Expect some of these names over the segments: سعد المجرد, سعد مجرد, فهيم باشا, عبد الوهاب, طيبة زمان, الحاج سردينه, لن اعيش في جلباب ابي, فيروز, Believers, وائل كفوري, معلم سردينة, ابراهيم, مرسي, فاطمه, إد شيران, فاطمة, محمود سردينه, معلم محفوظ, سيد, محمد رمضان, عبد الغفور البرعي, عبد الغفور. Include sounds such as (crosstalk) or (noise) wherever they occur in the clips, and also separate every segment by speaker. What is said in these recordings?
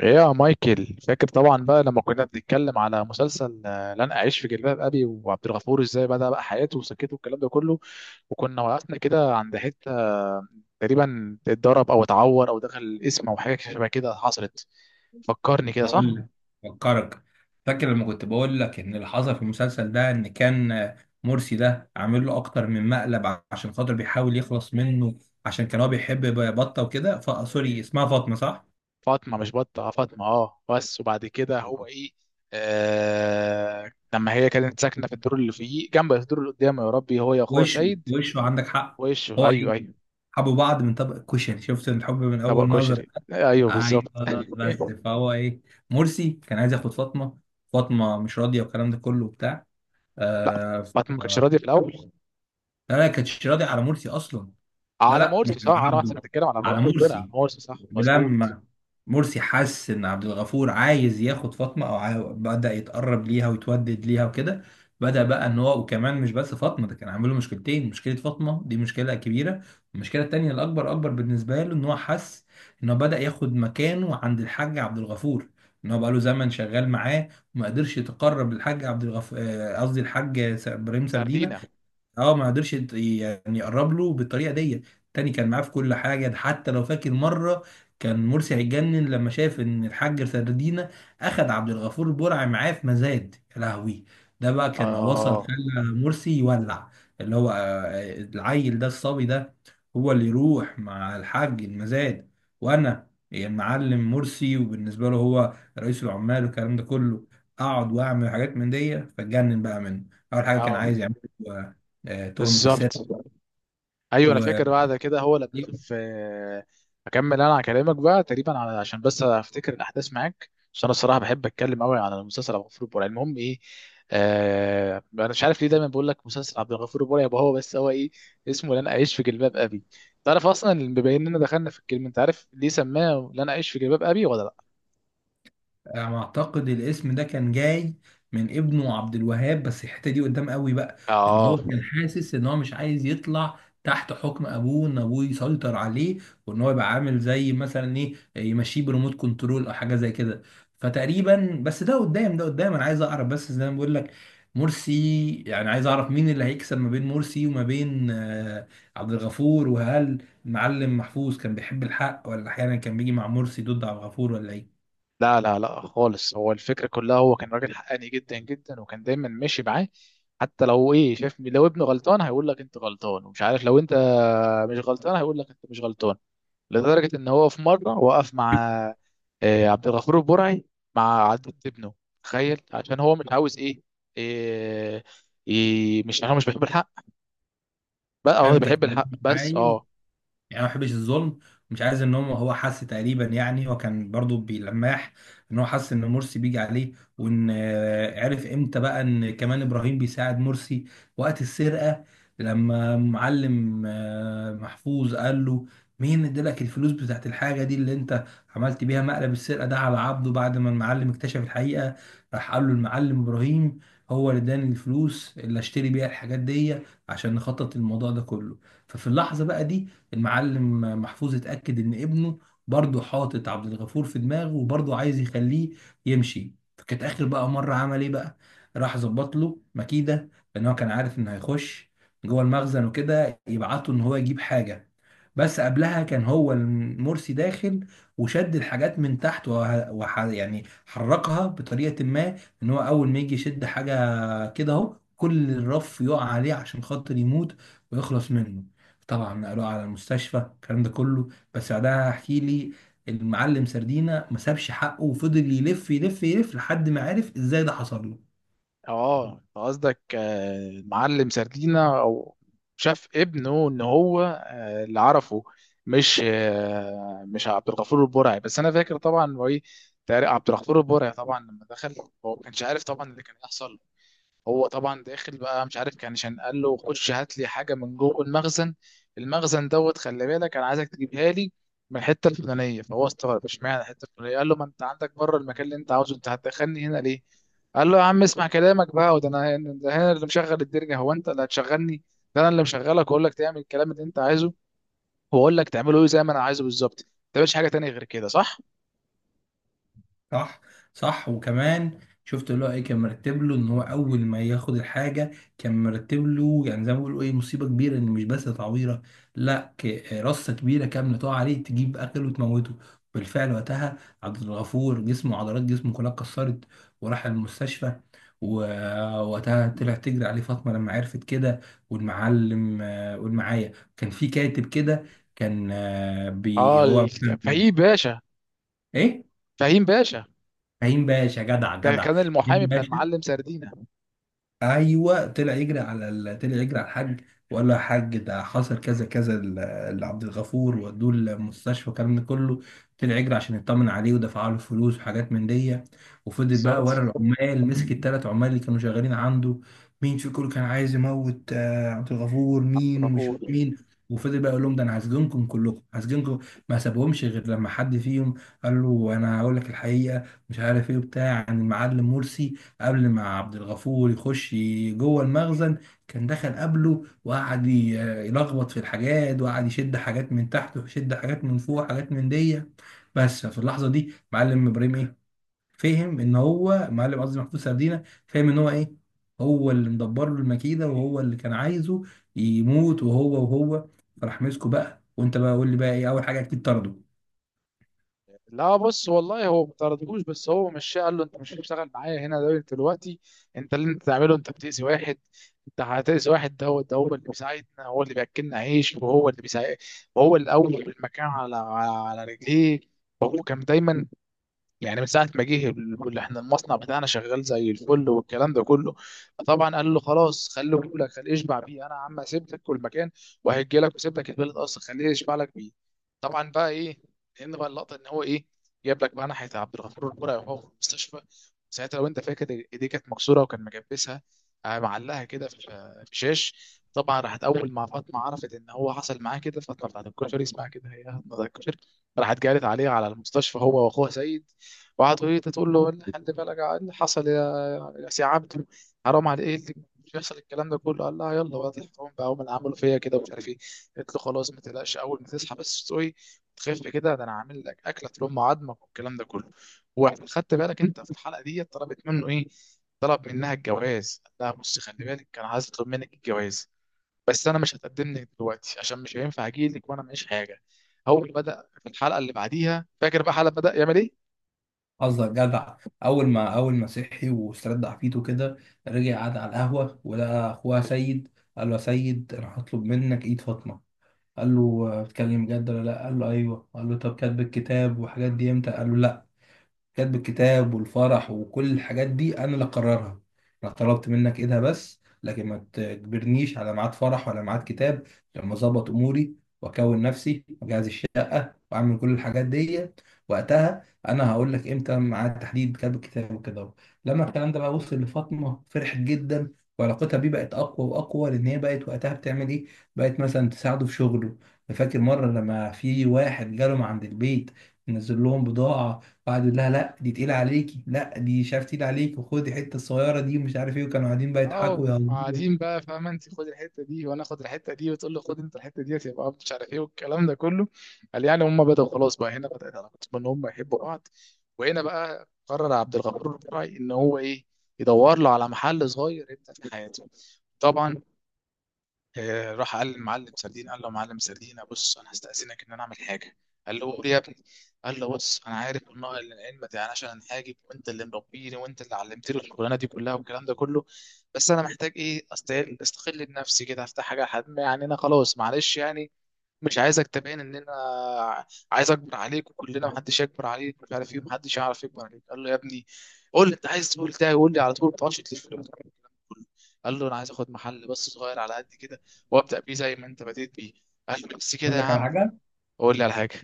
Speaker 1: ايه يا مايكل، فاكر طبعا بقى لما كنا بنتكلم على مسلسل لن اعيش في جلباب ابي، وعبد الغفور ازاي بدأ بقى حياته وسكته والكلام ده كله. وكنا وقفنا كده عند حته تقريبا اتضرب او اتعور او دخل القسم او حاجه شبه كده حصلت. فكرني كده، صح؟
Speaker 2: هقول لك. فكرك، فاكر لما كنت بقول لك ان اللي حصل في المسلسل ده ان كان مرسي ده عامل له اكتر من مقلب عشان خاطر بيحاول يخلص منه؟ عشان كان هو بيحب بطه وكده، سوري اسمها فاطمه صح؟
Speaker 1: فاطمه مش بطه. فاطمه، بس وبعد كده هو ايه؟ لما هي كانت ساكنه في الدور اللي فوقيه، جنب الدور اللي قدامه، يا ربي، هو يا اخوها
Speaker 2: وشه
Speaker 1: سيد.
Speaker 2: وشه عندك حق.
Speaker 1: وش،
Speaker 2: هو ايه،
Speaker 1: ايوه ايوه.
Speaker 2: حبوا بعض من طبق الكشري، شفت الحب من اول
Speaker 1: طبق
Speaker 2: نظر.
Speaker 1: كشري، ايوه بالظبط.
Speaker 2: ايوه،
Speaker 1: (laughs)
Speaker 2: بس فهو ايه، مرسي كان عايز ياخد فاطمه، فاطمه مش راضيه والكلام ده كله وبتاع.
Speaker 1: لا،
Speaker 2: آه ف-
Speaker 1: باتمان ما كانش راضي في الاول.
Speaker 2: لا لا، كانتش راضيه على مرسي اصلا. لا
Speaker 1: على
Speaker 2: لا، مش
Speaker 1: مورسي، صح،
Speaker 2: على
Speaker 1: انا احسن
Speaker 2: عبده،
Speaker 1: بتتكلم على
Speaker 2: على
Speaker 1: مورسي على
Speaker 2: مرسي.
Speaker 1: مورسي صح، مظبوط.
Speaker 2: ولما مرسي حس ان عبد الغفور عايز ياخد فاطمه او بدأ يتقرب ليها ويتودد ليها وكده، بدأ بقى ان هو وكمان مش بس فاطمه، ده كان عامل له مشكلتين، مشكله فاطمه دي مشكله كبيره، والمشكله التانيه الاكبر، اكبر بالنسبه له، ان هو حس ان هو بدأ ياخد مكانه عند الحاج عبد الغفور، ان هو بقى له زمن شغال معاه وما قدرش يتقرب للحاج عبد الغفور. قصدي الحاج ابراهيم سردينه.
Speaker 1: سردينا.
Speaker 2: اه، ما قدرش يعني يقرب له بالطريقه دي تاني. كان معاه في كل حاجه. ده حتى لو فاكر مره، كان مرسي هيتجنن لما شاف ان الحاج سردينة اخد عبد الغفور البرعي معاه في مزاد، يا لهوي، ده بقى كان وصل
Speaker 1: اه
Speaker 2: خلى مرسي يولع. اللي هو العيل ده، الصبي ده، هو اللي يروح مع الحاج المزاد، وانا يعني معلم مرسي وبالنسبه له هو رئيس العمال والكلام ده كله. اقعد واعمل حاجات من دي، فاتجنن بقى منه. اول حاجه كان
Speaker 1: اه.
Speaker 2: عايز يعمل تهمة
Speaker 1: بالظبط.
Speaker 2: السرقة
Speaker 1: ايوه، انا
Speaker 2: و...
Speaker 1: فاكر بعد كده هو
Speaker 2: دي.
Speaker 1: لبسه في. اكمل انا على كلامك بقى تقريبا، عشان بس افتكر الاحداث معاك، عشان انا الصراحه بحب اتكلم قوي على المسلسل عبد الغفور البرعي. المهم، ايه، انا مش عارف ليه دايما بقول لك مسلسل عبد الغفور البرعي، يبقى هو، بس هو ايه، اسمه لن اعيش في جلباب ابي. تعرف اصلا، بما اننا دخلنا في الكلمه، انت عارف ليه سماه لن اعيش في جلباب ابي ولا لا؟
Speaker 2: انا اعتقد الاسم ده كان جاي من ابنه عبد الوهاب، بس الحته دي قدام قوي بقى، ان هو
Speaker 1: اه.
Speaker 2: كان حاسس ان هو مش عايز يطلع تحت حكم ابوه، ان ابوه يسيطر عليه وان هو يبقى عامل زي مثلا ايه، يمشيه بريموت كنترول او حاجه زي كده. فتقريبا، بس ده قدام، ده قدام. انا عايز اعرف بس زي ما بقول لك، مرسي، يعني عايز اعرف مين اللي هيكسب ما بين مرسي وما بين عبد الغفور، وهل معلم محفوظ كان بيحب الحق ولا احيانا كان بيجي مع مرسي ضد عبد الغفور، ولا ايه؟
Speaker 1: لا لا لا، خالص. هو الفكرة كلها، هو كان راجل حقاني جدا جدا، وكان دايما ماشي معاه. حتى لو ايه، شايف لو ابنه غلطان هيقول لك انت غلطان، ومش عارف لو انت مش غلطان هيقول لك انت مش غلطان. لدرجة ان هو في مرة وقف مع عبد الغفور البرعي، مع عدة ابنه. تخيل عشان هو مش عاوز إيه, إيه، مش عشان هو مش بيحب الحق، بقى هو
Speaker 2: فهمتك.
Speaker 1: بيحب الحق، بس
Speaker 2: عايز يعني
Speaker 1: اه
Speaker 2: أنا ما بحبش الظلم. مش عايز ان هو، هو حس تقريبا، يعني هو كان برضو بيلمح ان هو حس ان مرسي بيجي عليه، وان عرف امتى بقى ان كمان ابراهيم بيساعد مرسي وقت السرقه، لما معلم محفوظ قال له مين ادالك الفلوس بتاعت الحاجه دي اللي انت عملت بيها مقلب السرقه ده على عبده، بعد ما المعلم اكتشف الحقيقه. راح قال له المعلم ابراهيم هو اللي اداني الفلوس اللي اشتري بيها الحاجات دي عشان نخطط الموضوع ده كله. ففي اللحظه بقى دي، المعلم محفوظ اتأكد إن ابنه برضه حاطط عبد الغفور في دماغه وبرضه عايز يخليه يمشي. فكانت آخر بقى مرة عمل إيه بقى، راح ظبط له مكيدة، لأن هو كان عارف إنه هيخش جوه المخزن وكده، يبعته إن هو يجيب حاجة. بس قبلها كان هو المرسي داخل وشد الحاجات من تحت يعني حركها بطريقة ما، ان هو اول ما يجي يشد حاجه كده اهو، كل الرف يقع عليه عشان خاطر يموت ويخلص منه. طبعا نقلوه على المستشفى، الكلام ده كله. بس بعدها احكي لي. المعلم سردينا ما سابش حقه، وفضل يلف يلف يلف لحد ما عرف ازاي ده حصل له.
Speaker 1: اه، أنت قصدك معلم سردينة، او شاف ابنه ان هو، اللي عرفه، مش عبد الغفور البرعي، بس انا فاكر طبعا هو ايه. تقريبا عبد الغفور البرعي طبعا لما دخل، هو ما كانش عارف طبعا اللي كان هيحصل. هو طبعا داخل بقى مش عارف، كان عشان قال له: خش هات لي حاجه من جوه المخزن. المخزن دوت، خلي بالك، انا عايزك تجيبها لي من الحته الفلانيه. فهو استغرب اشمعنى الحته الفلانيه، قال له: ما انت عندك بره المكان اللي انت عاوزه، انت هتدخلني هنا ليه؟ قال له: يا عم، اسمع كلامك بقى، وده انا اللي مشغل الدرجه، هو انت اللي هتشغلني؟ ده انا اللي مشغلك، واقول لك تعمل الكلام اللي انت عايزه، واقول لك تعمله ايه زي ما انا عايزه بالظبط، ما تعملش حاجه تانية غير كده، صح؟
Speaker 2: صح، صح. وكمان شفت اللي هو ايه، كان مرتب له ان هو اول ما ياخد الحاجه، كان مرتب له يعني زي ما بيقولوا ايه، مصيبه كبيره، ان مش بس تعويره، لا، رصه كبيره كامله تقع عليه تجيب اكل وتموته. بالفعل وقتها عبد الغفور جسمه، عضلات جسمه كلها اتكسرت، وراح المستشفى. ووقتها طلع تجري عليه فاطمه لما عرفت كده، والمعلم والمعايا. كان في كاتب كده، كان آه، بي
Speaker 1: اه،
Speaker 2: هو
Speaker 1: فهيم باشا.
Speaker 2: ايه،
Speaker 1: فهيم باشا
Speaker 2: فهيم باشا، جدع
Speaker 1: ده
Speaker 2: جدع،
Speaker 1: كان المحامي
Speaker 2: فهيم
Speaker 1: بتاع
Speaker 2: باشا.
Speaker 1: المعلم سردينة.
Speaker 2: ايوه، طلع يجري على الحاج، وقال له يا حاج ده حصل كذا كذا لعبد الغفور ودوه المستشفى والكلام ده كله. طلع يجري عشان يطمن عليه ودفع له فلوس وحاجات من دي، وفضل بقى
Speaker 1: بالظبط.
Speaker 2: ورا العمال، مسك الثلاث عمال اللي كانوا شغالين عنده، مين في كله كان عايز يموت عبد الغفور، مين ومش
Speaker 1: طابور.
Speaker 2: مين. وفضل بقى يقول لهم ده انا هسجنكم كلكم، هسجنكم. ما سابهمش غير لما حد فيهم قال له انا هقول لك الحقيقه. مش عارف ايه بتاع عن المعلم مرسي، قبل ما عبد الغفور يخش جوه المخزن، كان دخل قبله وقعد يلخبط في الحاجات، وقعد يشد حاجات من تحت ويشد حاجات من فوق وحاجات من دي. بس في اللحظه دي معلم ابراهيم ايه، فهم ان هو معلم، قصدي محمود سردينه، فهم ان هو ايه، هو اللي مدبر له المكيده وهو اللي كان عايزه يموت، وهو فراح مسكه بقى. وانت بقى قول لي بقى ايه، اول حاجه اكيد طرده؟
Speaker 1: لا، بص والله، هو ما طردهوش، بس هو مشاه قال له: انت مش هتشتغل معايا هنا ده دلوقتي. انت اللي تعمله، انت بتأذي واحد، انت هتأذي واحد، ده هو اللي بيساعدنا، هو اللي بياكلنا عيش، وهو اللي بيساعد. وهو الاول في المكان، على رجليه. وهو كان دايما يعني من ساعه ما جه، اللي احنا المصنع بتاعنا شغال زي الفل والكلام ده كله. طبعا قال له: خلاص، خليه يقول لك، خليه يشبع بيه، انا يا عم سيبتك والمكان وهيجي لك، وسيب لك البلد اصلا، خليه يشبع لك بيه. طبعا بقى ايه، لان بقى اللقطه ان هو ايه، جاب لك بقى ناحيه عبد الغفور البرعي وهو في المستشفى. ساعتها لو انت فاكر، ايديه كانت مكسوره وكان مجبسها، معلقها كده في شاش. طبعا راحت اول ما فاطمه عرفت ان هو حصل معاه كده، فاطمه بتاعت الكشري، اسمها كده هي، فاطمة بتاعت الكشري. راحت جالت عليه على المستشفى، هو واخوها سيد. وقعد يقول، تقول له: (laughs) إيه خلي بالك، إيه اللي حصل يا سي عبده؟ حرام، على ايه اللي مش يحصل، الكلام ده كله؟ قال لها: يلا بقى الحرام بقى، هم اللي عملوا فيا كده ومش عارف ايه. قلت له: خلاص، ما تقلقش، اول ما تصحى بس، تقوي، تخف كده، ده انا عامل لك اكله تلم عظمك والكلام ده كله. وخدت بالك انت في الحلقه دي طلبت منه ايه؟ طلب منها الجواز. قال لها: بصي، خلي بالك، انا عايز اطلب منك الجواز، بس انا مش هتقدم لك دلوقتي عشان مش هينفع اجي لك وانا معيش حاجه. اول ما بدا في الحلقه اللي بعديها، فاكر بقى حلقه بدا يعمل ايه؟
Speaker 2: قصدك جدع. اول ما صحي واسترد عافيته كده، رجع قعد على القهوه ولقى اخوها سيد، قال له يا سيد انا هطلب منك ايد فاطمه. قال له بتتكلم جد ولا لا؟ قال له ايوه. قال له طب كاتب الكتاب والحاجات دي امتى؟ قال له لا، كاتب الكتاب والفرح وكل الحاجات دي انا اللي اقررها. انا طلبت منك ايدها، بس لكن ما تجبرنيش على ميعاد فرح ولا ميعاد كتاب. لما اظبط اموري واكون نفسي واجهز الشقه واعمل كل الحاجات دي، وقتها انا هقول لك امتى ميعاد تحديد كتاب الكتاب وكده أهو. لما الكلام ده بقى وصل لفاطمه، فرحت جدا وعلاقتها بيه بقت اقوى واقوى، لان هي بقت وقتها بتعمل ايه، بقت مثلا تساعده في شغله. فاكر مره لما في واحد جاله من عند البيت، نزل لهم بضاعه وقعد يقول لها لا دي تقيله عليكي، لا دي مش عارف تقيله عليكي، وخدي الحته الصغيره دي ومش عارف ايه، وكانوا قاعدين بقى
Speaker 1: اه.
Speaker 2: يضحكوا ويهزروا.
Speaker 1: قاعدين بقى، فاهمه، انت خد الحته دي وانا اخد الحته دي، وتقول لي: خد انت الحته دي، يبقى مش عارف ايه والكلام ده كله. قال يعني هم بداوا. خلاص بقى هنا بدات علاقتهم ان هم يحبوا بعض. وهنا بقى قرر عبد الغفور البرعي ان هو ايه، يدور له على محل صغير يبدا في حياته. طبعا راح قال للمعلم سردين، قال له: معلم سردين، بص، انا هستأذنك ان انا اعمل حاجه. قال له: قول يا ابني. قال له: بص، انا عارف ان العلم ما تعناش عن حاجه، وانت اللي مربيني، وانت اللي علمتني الشغلانه دي كلها والكلام ده كله، بس انا محتاج ايه، استقل بنفسي كده، افتح حاجه لحد ما يعني انا خلاص، معلش يعني مش عايزك تبين ان انا عايز اكبر عليك، وكلنا محدش يكبر عليك، مش عارف ايه، محدش يعرف يكبر عليك. قال له: يا ابني، قول لي انت عايز تقول ده، قول لي على طول، ما تقعدش تلف لي وتعمل الكلام كله. قال له: انا عايز اخد محل بس صغير على قد كده، وابدا بيه زي ما انت بديت بيه. قال له: بس كده
Speaker 2: اقول
Speaker 1: يا
Speaker 2: لك على
Speaker 1: عم؟
Speaker 2: حاجه.
Speaker 1: قول لي على حاجه.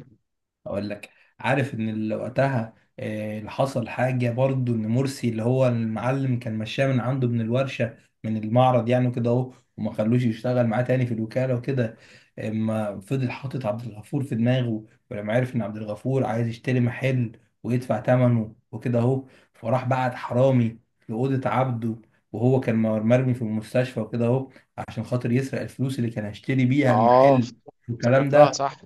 Speaker 2: اقول لك، عارف ان اللي وقتها اللي حصل حاجه برضو، ان مرسي، اللي هو المعلم، كان مشاه من عنده من الورشه، من المعرض يعني، وكده اهو، وما خلوش يشتغل معاه تاني في الوكاله وكده. اما فضل حاطط عبد الغفور في دماغه، ولما عرف ان عبد الغفور عايز يشتري محل ويدفع ثمنه وكده اهو، فراح بعت حرامي لاوضه عبده، وهو كان مرمي في المستشفى وكده اهو، عشان خاطر يسرق الفلوس اللي كان هيشتري بيها
Speaker 1: اه،
Speaker 2: المحل والكلام
Speaker 1: افتكرتها،
Speaker 2: ده.
Speaker 1: صح.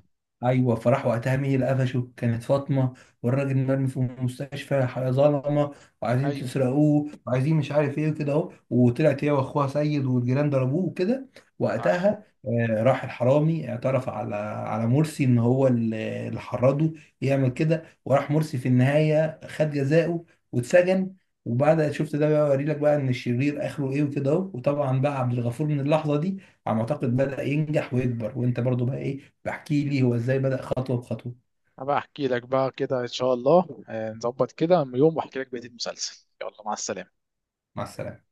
Speaker 2: ايوه، فراح وقتها، مين اللي قفشه، كانت فاطمه. والراجل مرمي في المستشفى، ظلمه وعايزين
Speaker 1: ايوه،
Speaker 2: تسرقوه وعايزين مش عارف ايه وكده اهو، وطلعت هي واخوها سيد والجيران ضربوه وكده.
Speaker 1: صح.
Speaker 2: وقتها راح الحرامي اعترف على مرسي ان هو اللي حرضه يعمل كده. وراح مرسي في النهايه خد جزاؤه واتسجن. وبعد شفت ده بقى، اوري لك بقى ان الشرير اخره ايه وكده اهو. وطبعا بقى عبد الغفور من اللحظه دي، على ما اعتقد، بدأ ينجح ويكبر. وانت برضو بقى ايه، بحكي لي هو ازاي بدأ خطوة بخطوة.
Speaker 1: هبقى احكي لك بقى كده ان شاء الله، نظبط كده يوم واحكي لك بقيه المسلسل. يلا، مع السلامه.
Speaker 2: مع السلامة.